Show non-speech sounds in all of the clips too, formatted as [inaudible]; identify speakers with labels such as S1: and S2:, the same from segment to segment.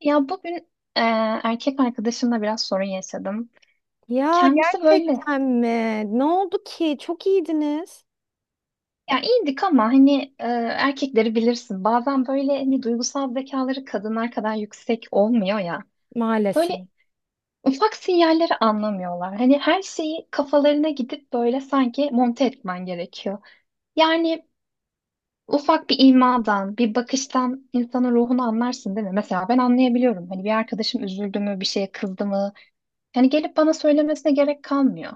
S1: Ya bugün e, erkek arkadaşımla biraz sorun yaşadım.
S2: Ya
S1: Kendisi böyle
S2: gerçekten mi? Ne oldu ki? Çok iyiydiniz
S1: ya iyiydik ama hani erkekleri bilirsin. Bazen böyle hani duygusal zekaları kadınlar kadar yüksek olmuyor ya.
S2: maalesef.
S1: Böyle ufak sinyalleri anlamıyorlar. Hani her şeyi kafalarına gidip böyle sanki monte etmen gerekiyor. Yani ufak bir imadan, bir bakıştan insanın ruhunu anlarsın değil mi? Mesela ben anlayabiliyorum. Hani bir arkadaşım üzüldü mü, bir şeye kızdı mı? Yani gelip bana söylemesine gerek kalmıyor.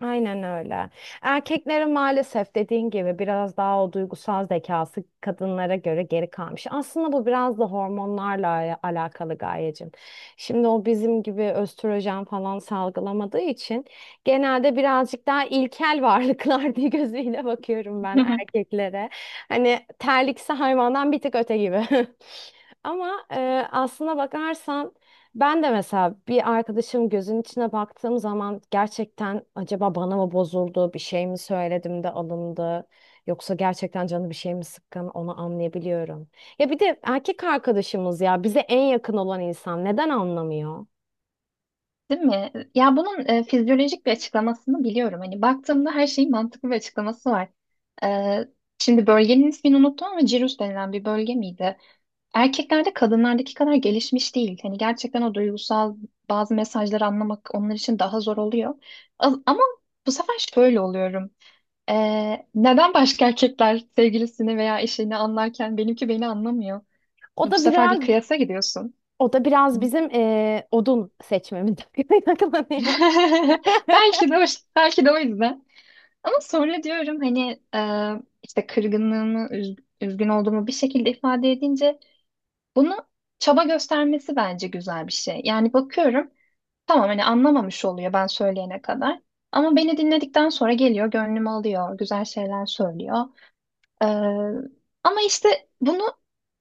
S2: Aynen öyle. Erkeklerin maalesef dediğin gibi biraz daha o duygusal zekası kadınlara göre geri kalmış. Aslında bu biraz da hormonlarla alakalı Gayecim. Şimdi o bizim gibi östrojen falan salgılamadığı için genelde birazcık daha ilkel varlıklar [laughs] diye gözüyle bakıyorum ben
S1: [laughs]
S2: erkeklere. Hani terlikse hayvandan bir tık öte gibi. [laughs] Ama aslına bakarsan ben de mesela bir arkadaşım gözün içine baktığım zaman gerçekten acaba bana mı bozuldu, bir şey mi söyledim de alındı yoksa gerçekten canı bir şey mi sıkkın onu anlayabiliyorum. Ya bir de erkek arkadaşımız ya bize en yakın olan insan neden anlamıyor?
S1: Değil mi? Ya bunun fizyolojik bir açıklamasını biliyorum. Hani baktığımda her şeyin mantıklı bir açıklaması var. E, Şimdi bölgenin ismini unuttum ama Cirrus denilen bir bölge miydi? Erkeklerde kadınlardaki kadar gelişmiş değil. Hani gerçekten o duygusal bazı mesajları anlamak onlar için daha zor oluyor. Ama bu sefer şöyle oluyorum. Neden başka erkekler sevgilisini veya eşini anlarken benimki beni anlamıyor?
S2: O
S1: Bu
S2: da
S1: sefer
S2: biraz
S1: bir kıyasa gidiyorsun.
S2: o da biraz bizim odun seçmemizden [laughs] kaynaklanıyor.
S1: [laughs] Belki de, o- Belki de o yüzden. Ama sonra diyorum hani işte kırgınlığımı, üzgün olduğumu bir şekilde ifade edince bunu çaba göstermesi bence güzel bir şey. Yani bakıyorum tamam hani anlamamış oluyor ben söyleyene kadar. Ama beni dinledikten sonra geliyor, gönlümü alıyor, güzel şeyler söylüyor. E, Ama işte bunu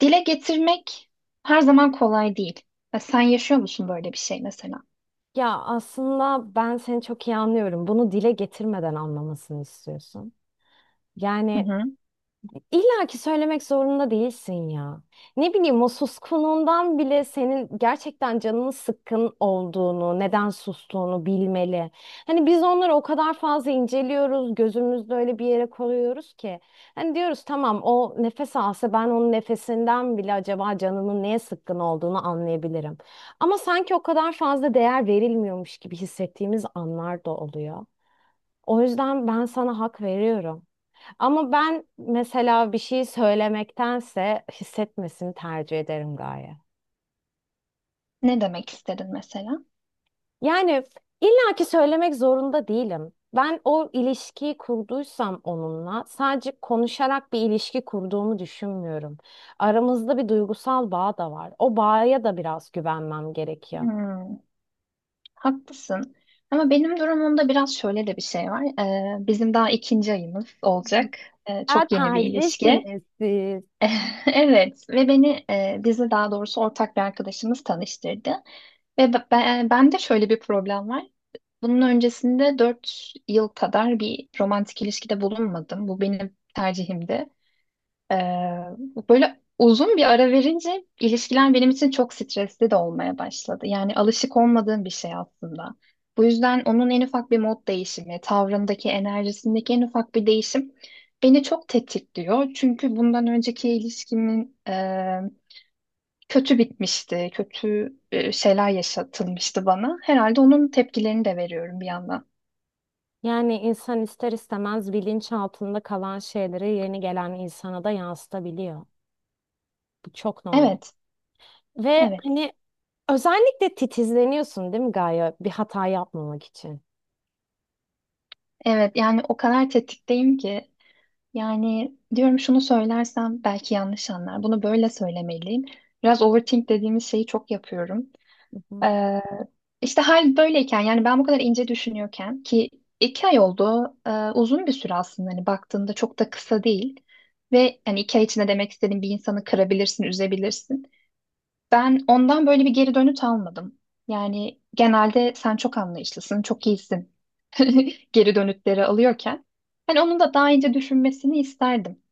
S1: dile getirmek her zaman kolay değil. Ya sen yaşıyor musun böyle bir şey mesela?
S2: Ya aslında ben seni çok iyi anlıyorum. Bunu dile getirmeden anlamasını istiyorsun.
S1: Hı
S2: Yani
S1: hı.
S2: İlla ki söylemek zorunda değilsin ya. Ne bileyim o suskunluğundan bile senin gerçekten canının sıkkın olduğunu, neden sustuğunu bilmeli. Hani biz onları o kadar fazla inceliyoruz, gözümüzde öyle bir yere koyuyoruz ki. Hani diyoruz tamam o nefes alsa ben onun nefesinden bile acaba canının neye sıkkın olduğunu anlayabilirim. Ama sanki o kadar fazla değer verilmiyormuş gibi hissettiğimiz anlar da oluyor. O yüzden ben sana hak veriyorum. Ama ben mesela bir şey söylemektense hissetmesini tercih ederim gaye.
S1: Ne demek istedin mesela?
S2: Yani illaki söylemek zorunda değilim. Ben o ilişkiyi kurduysam onunla sadece konuşarak bir ilişki kurduğumu düşünmüyorum. Aramızda bir duygusal bağ da var. O bağa da biraz güvenmem gerekiyor.
S1: Hmm. Haklısın. Ama benim durumumda biraz şöyle de bir şey var. Bizim daha ikinci ayımız olacak.
S2: Ya
S1: Çok yeni bir ilişki.
S2: terzisiniz siz.
S1: [laughs] Evet ve bizi daha doğrusu ortak bir arkadaşımız tanıştırdı. Ve ben de şöyle bir problem var. Bunun öncesinde 4 yıl kadar bir romantik ilişkide bulunmadım. Bu benim tercihimdi. Ee, Böyle uzun bir ara verince ilişkiler benim için çok stresli de olmaya başladı. Yani alışık olmadığım bir şey aslında. Bu yüzden onun en ufak bir mod değişimi, tavrındaki, enerjisindeki en ufak bir değişim beni çok tetikliyor. Çünkü bundan önceki ilişkimin kötü bitmişti, kötü şeyler yaşatılmıştı bana. Herhalde onun tepkilerini de veriyorum bir yandan.
S2: Yani insan ister istemez bilinç altında kalan şeyleri yeni gelen insana da yansıtabiliyor. Bu çok normal.
S1: Evet,
S2: Ve
S1: evet,
S2: hani özellikle titizleniyorsun değil mi Gaye? Bir hata yapmamak için.
S1: evet. Yani o kadar tetikteyim ki. Yani diyorum şunu söylersem belki yanlış anlar. Bunu böyle söylemeliyim. Biraz overthink dediğimiz şeyi çok yapıyorum.
S2: Hı hı.
S1: Ee, işte hal böyleyken yani ben bu kadar ince düşünüyorken ki iki ay oldu. Uzun bir süre aslında hani baktığında çok da kısa değil. Ve hani iki ay içinde demek istediğim bir insanı kırabilirsin, üzebilirsin. Ben ondan böyle bir geri dönüt almadım. Yani genelde sen çok anlayışlısın, çok iyisin [laughs] geri dönütleri alıyorken. Hani onun da daha ince düşünmesini isterdim.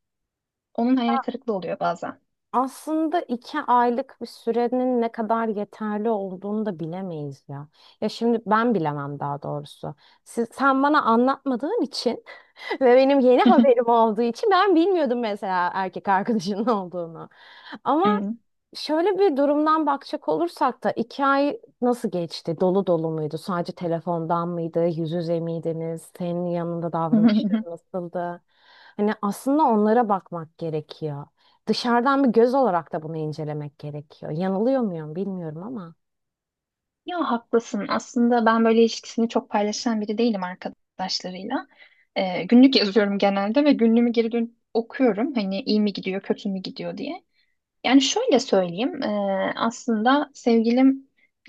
S1: Onun hayal kırıklığı oluyor bazen.
S2: Aslında iki aylık bir sürenin ne kadar yeterli olduğunu da bilemeyiz ya. Ya şimdi ben bilemem daha doğrusu. Siz, sen bana anlatmadığın için [laughs] ve benim yeni haberim
S1: [laughs]
S2: olduğu için ben bilmiyordum mesela erkek arkadaşının [laughs] olduğunu. Ama
S1: Hmm.
S2: şöyle bir durumdan bakacak olursak da iki ay nasıl geçti? Dolu dolu muydu? Sadece telefondan mıydı? Yüz yüze miydiniz? Senin yanında
S1: [laughs]
S2: davranışları nasıldı? Hani aslında onlara bakmak gerekiyor. Dışarıdan bir göz olarak da bunu incelemek gerekiyor. Yanılıyor muyum bilmiyorum ama.
S1: Ya haklısın. Aslında ben böyle ilişkisini çok paylaşan biri değilim arkadaşlarıyla. Günlük yazıyorum genelde ve günlüğümü geri dönüp okuyorum. Hani iyi mi gidiyor, kötü mü gidiyor diye. Yani şöyle söyleyeyim. Aslında sevgilimle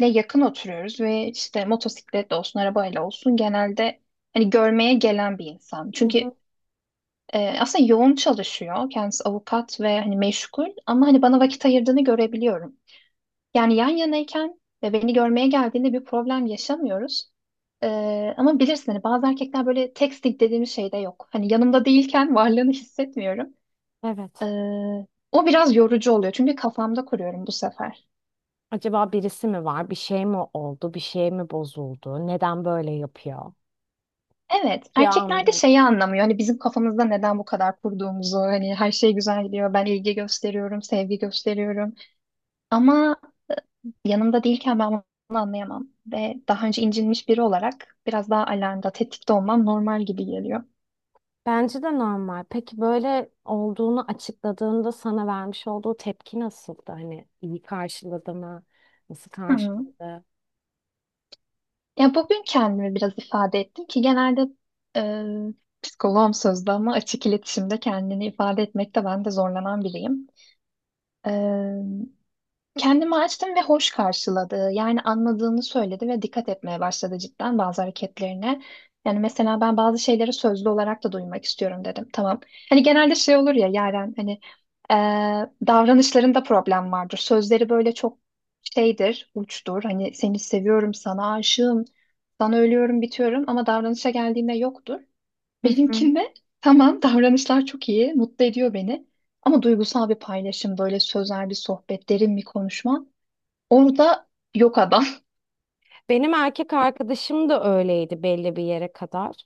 S1: yakın oturuyoruz ve işte motosiklet olsun, arabayla olsun genelde hani görmeye gelen bir insan.
S2: Hı
S1: Çünkü
S2: hı.
S1: aslında yoğun çalışıyor. Kendisi avukat ve hani meşgul ama hani bana vakit ayırdığını görebiliyorum. Yani yan yanayken ve beni görmeye geldiğinde bir problem yaşamıyoruz. Ama bilirsin hani bazı erkekler böyle texting dediğimiz şey de yok. Hani yanımda değilken [laughs] varlığını hissetmiyorum.
S2: Evet.
S1: Ee, O biraz yorucu oluyor çünkü kafamda kuruyorum bu sefer.
S2: Acaba birisi mi var? Bir şey mi oldu? Bir şey mi bozuldu? Neden böyle yapıyor?
S1: Evet,
S2: Ya
S1: erkekler de şeyi anlamıyor. Hani bizim kafamızda neden bu kadar kurduğumuzu, hani her şey güzel gidiyor, ben ilgi gösteriyorum, sevgi gösteriyorum. Ama yanımda değilken ben bunu anlayamam. Ve daha önce incinmiş biri olarak biraz daha alarmda, tetikte olmam normal gibi geliyor.
S2: bence de normal. Peki böyle olduğunu açıkladığında sana vermiş olduğu tepki nasıldı? Hani iyi karşıladı mı? Nasıl
S1: Hı.
S2: karşıladı?
S1: Ya bugün kendimi biraz ifade ettim ki genelde psikoloğum sözde ama açık iletişimde kendini ifade etmekte ben de zorlanan biriyim. Kendimi açtım ve hoş karşıladı. Yani anladığını söyledi ve dikkat etmeye başladı cidden bazı hareketlerine. Yani mesela ben bazı şeyleri sözlü olarak da duymak istiyorum dedim. Tamam. Hani genelde şey olur ya Yaren hani davranışlarında problem vardır. Sözleri böyle çok şeydir, uçtur. Hani seni seviyorum, sana aşığım, sana ölüyorum, bitiyorum ama davranışa geldiğinde yoktur.
S2: Hı hı.
S1: Benimkinde tamam davranışlar çok iyi, mutlu ediyor beni. Ama duygusal bir paylaşım, böyle sözel bir sohbet, derin bir konuşma. Orada yok adam. [laughs]
S2: Benim erkek arkadaşım da öyleydi belli bir yere kadar.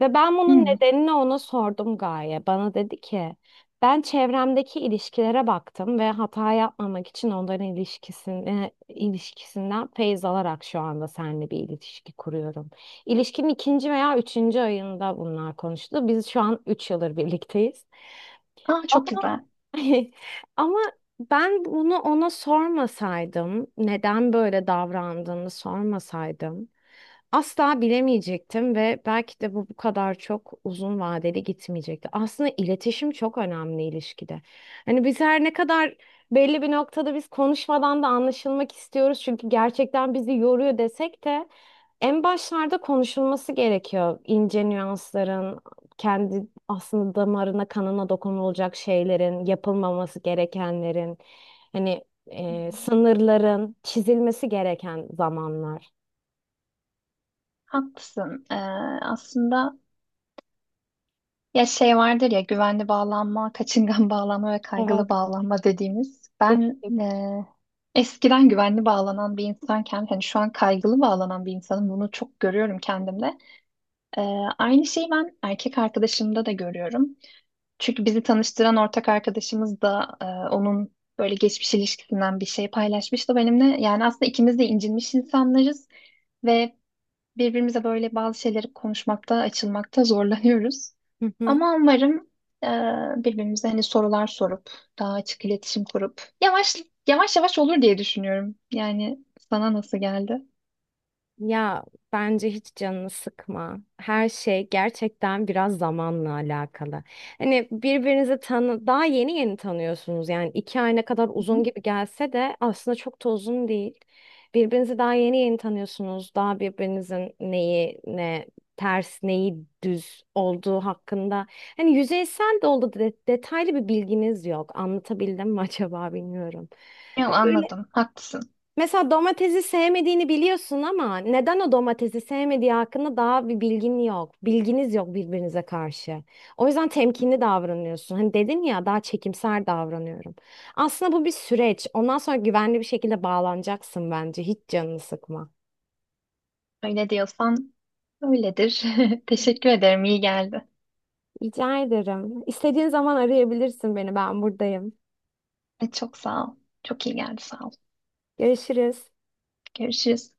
S2: Ve ben bunun
S1: Hmm.
S2: nedenini ona sordum Gaye. Bana dedi ki ben çevremdeki ilişkilere baktım ve hata yapmamak için onların ilişkisini, ilişkisinden feyz alarak şu anda seninle bir ilişki kuruyorum. İlişkinin ikinci veya üçüncü ayında bunlar konuştu. Biz şu an üç yıldır birlikteyiz.
S1: Aa,
S2: Ama
S1: çok güzel.
S2: [laughs] ama ben bunu ona sormasaydım, neden böyle davrandığını sormasaydım, asla bilemeyecektim ve belki de bu kadar çok uzun vadeli gitmeyecekti. Aslında iletişim çok önemli ilişkide. Hani biz her ne kadar belli bir noktada biz konuşmadan da anlaşılmak istiyoruz çünkü gerçekten bizi yoruyor desek de en başlarda konuşulması gerekiyor. İnce nüansların, kendi aslında damarına, kanına dokunulacak şeylerin, yapılmaması gerekenlerin, hani sınırların çizilmesi gereken zamanlar.
S1: Haklısın. Aslında ya şey vardır ya güvenli bağlanma, kaçıngan bağlanma ve
S2: Evet.
S1: kaygılı bağlanma dediğimiz. Ben
S2: Üçlük.
S1: Eskiden güvenli bağlanan bir insanken hani şu an kaygılı bağlanan bir insanım. Bunu çok görüyorum kendimde. Ee, Aynı şeyi ben erkek arkadaşımda da görüyorum. Çünkü bizi tanıştıran ortak arkadaşımız da onun böyle geçmiş ilişkisinden bir şey paylaşmıştı benimle. Yani aslında ikimiz de incinmiş insanlarız ve birbirimize böyle bazı şeyleri konuşmakta, açılmakta zorlanıyoruz.
S2: Hı hı.
S1: Ama umarım e, birbirimize hani sorular sorup, daha açık iletişim kurup yavaş yavaş olur diye düşünüyorum. Yani sana nasıl geldi?
S2: Ya bence hiç canını sıkma. Her şey gerçekten biraz zamanla alakalı. Hani birbirinizi tanı daha yeni yeni tanıyorsunuz. Yani iki ay ne kadar
S1: Hı
S2: uzun
S1: hı.
S2: gibi gelse de aslında çok da uzun değil. Birbirinizi daha yeni yeni tanıyorsunuz. Daha birbirinizin neyi ne ters neyi düz olduğu hakkında. Hani yüzeysel de oldu detaylı bir bilginiz yok. Anlatabildim mi acaba bilmiyorum.
S1: Ya anladım, haklısın.
S2: Mesela domatesi sevmediğini biliyorsun ama neden o domatesi sevmediği hakkında daha bir bilgin yok. Bilginiz yok birbirinize karşı. O yüzden temkinli davranıyorsun. Hani dedin ya daha çekimser davranıyorum. Aslında bu bir süreç. Ondan sonra güvenli bir şekilde bağlanacaksın bence. Hiç canını sıkma.
S1: Öyle diyorsan öyledir. [laughs] Teşekkür ederim, iyi geldi.
S2: Rica ederim. İstediğin zaman arayabilirsin beni. Ben buradayım.
S1: Evet, çok sağ ol. Çok iyi geldi sağ ol.
S2: Görüşürüz.
S1: Görüşürüz.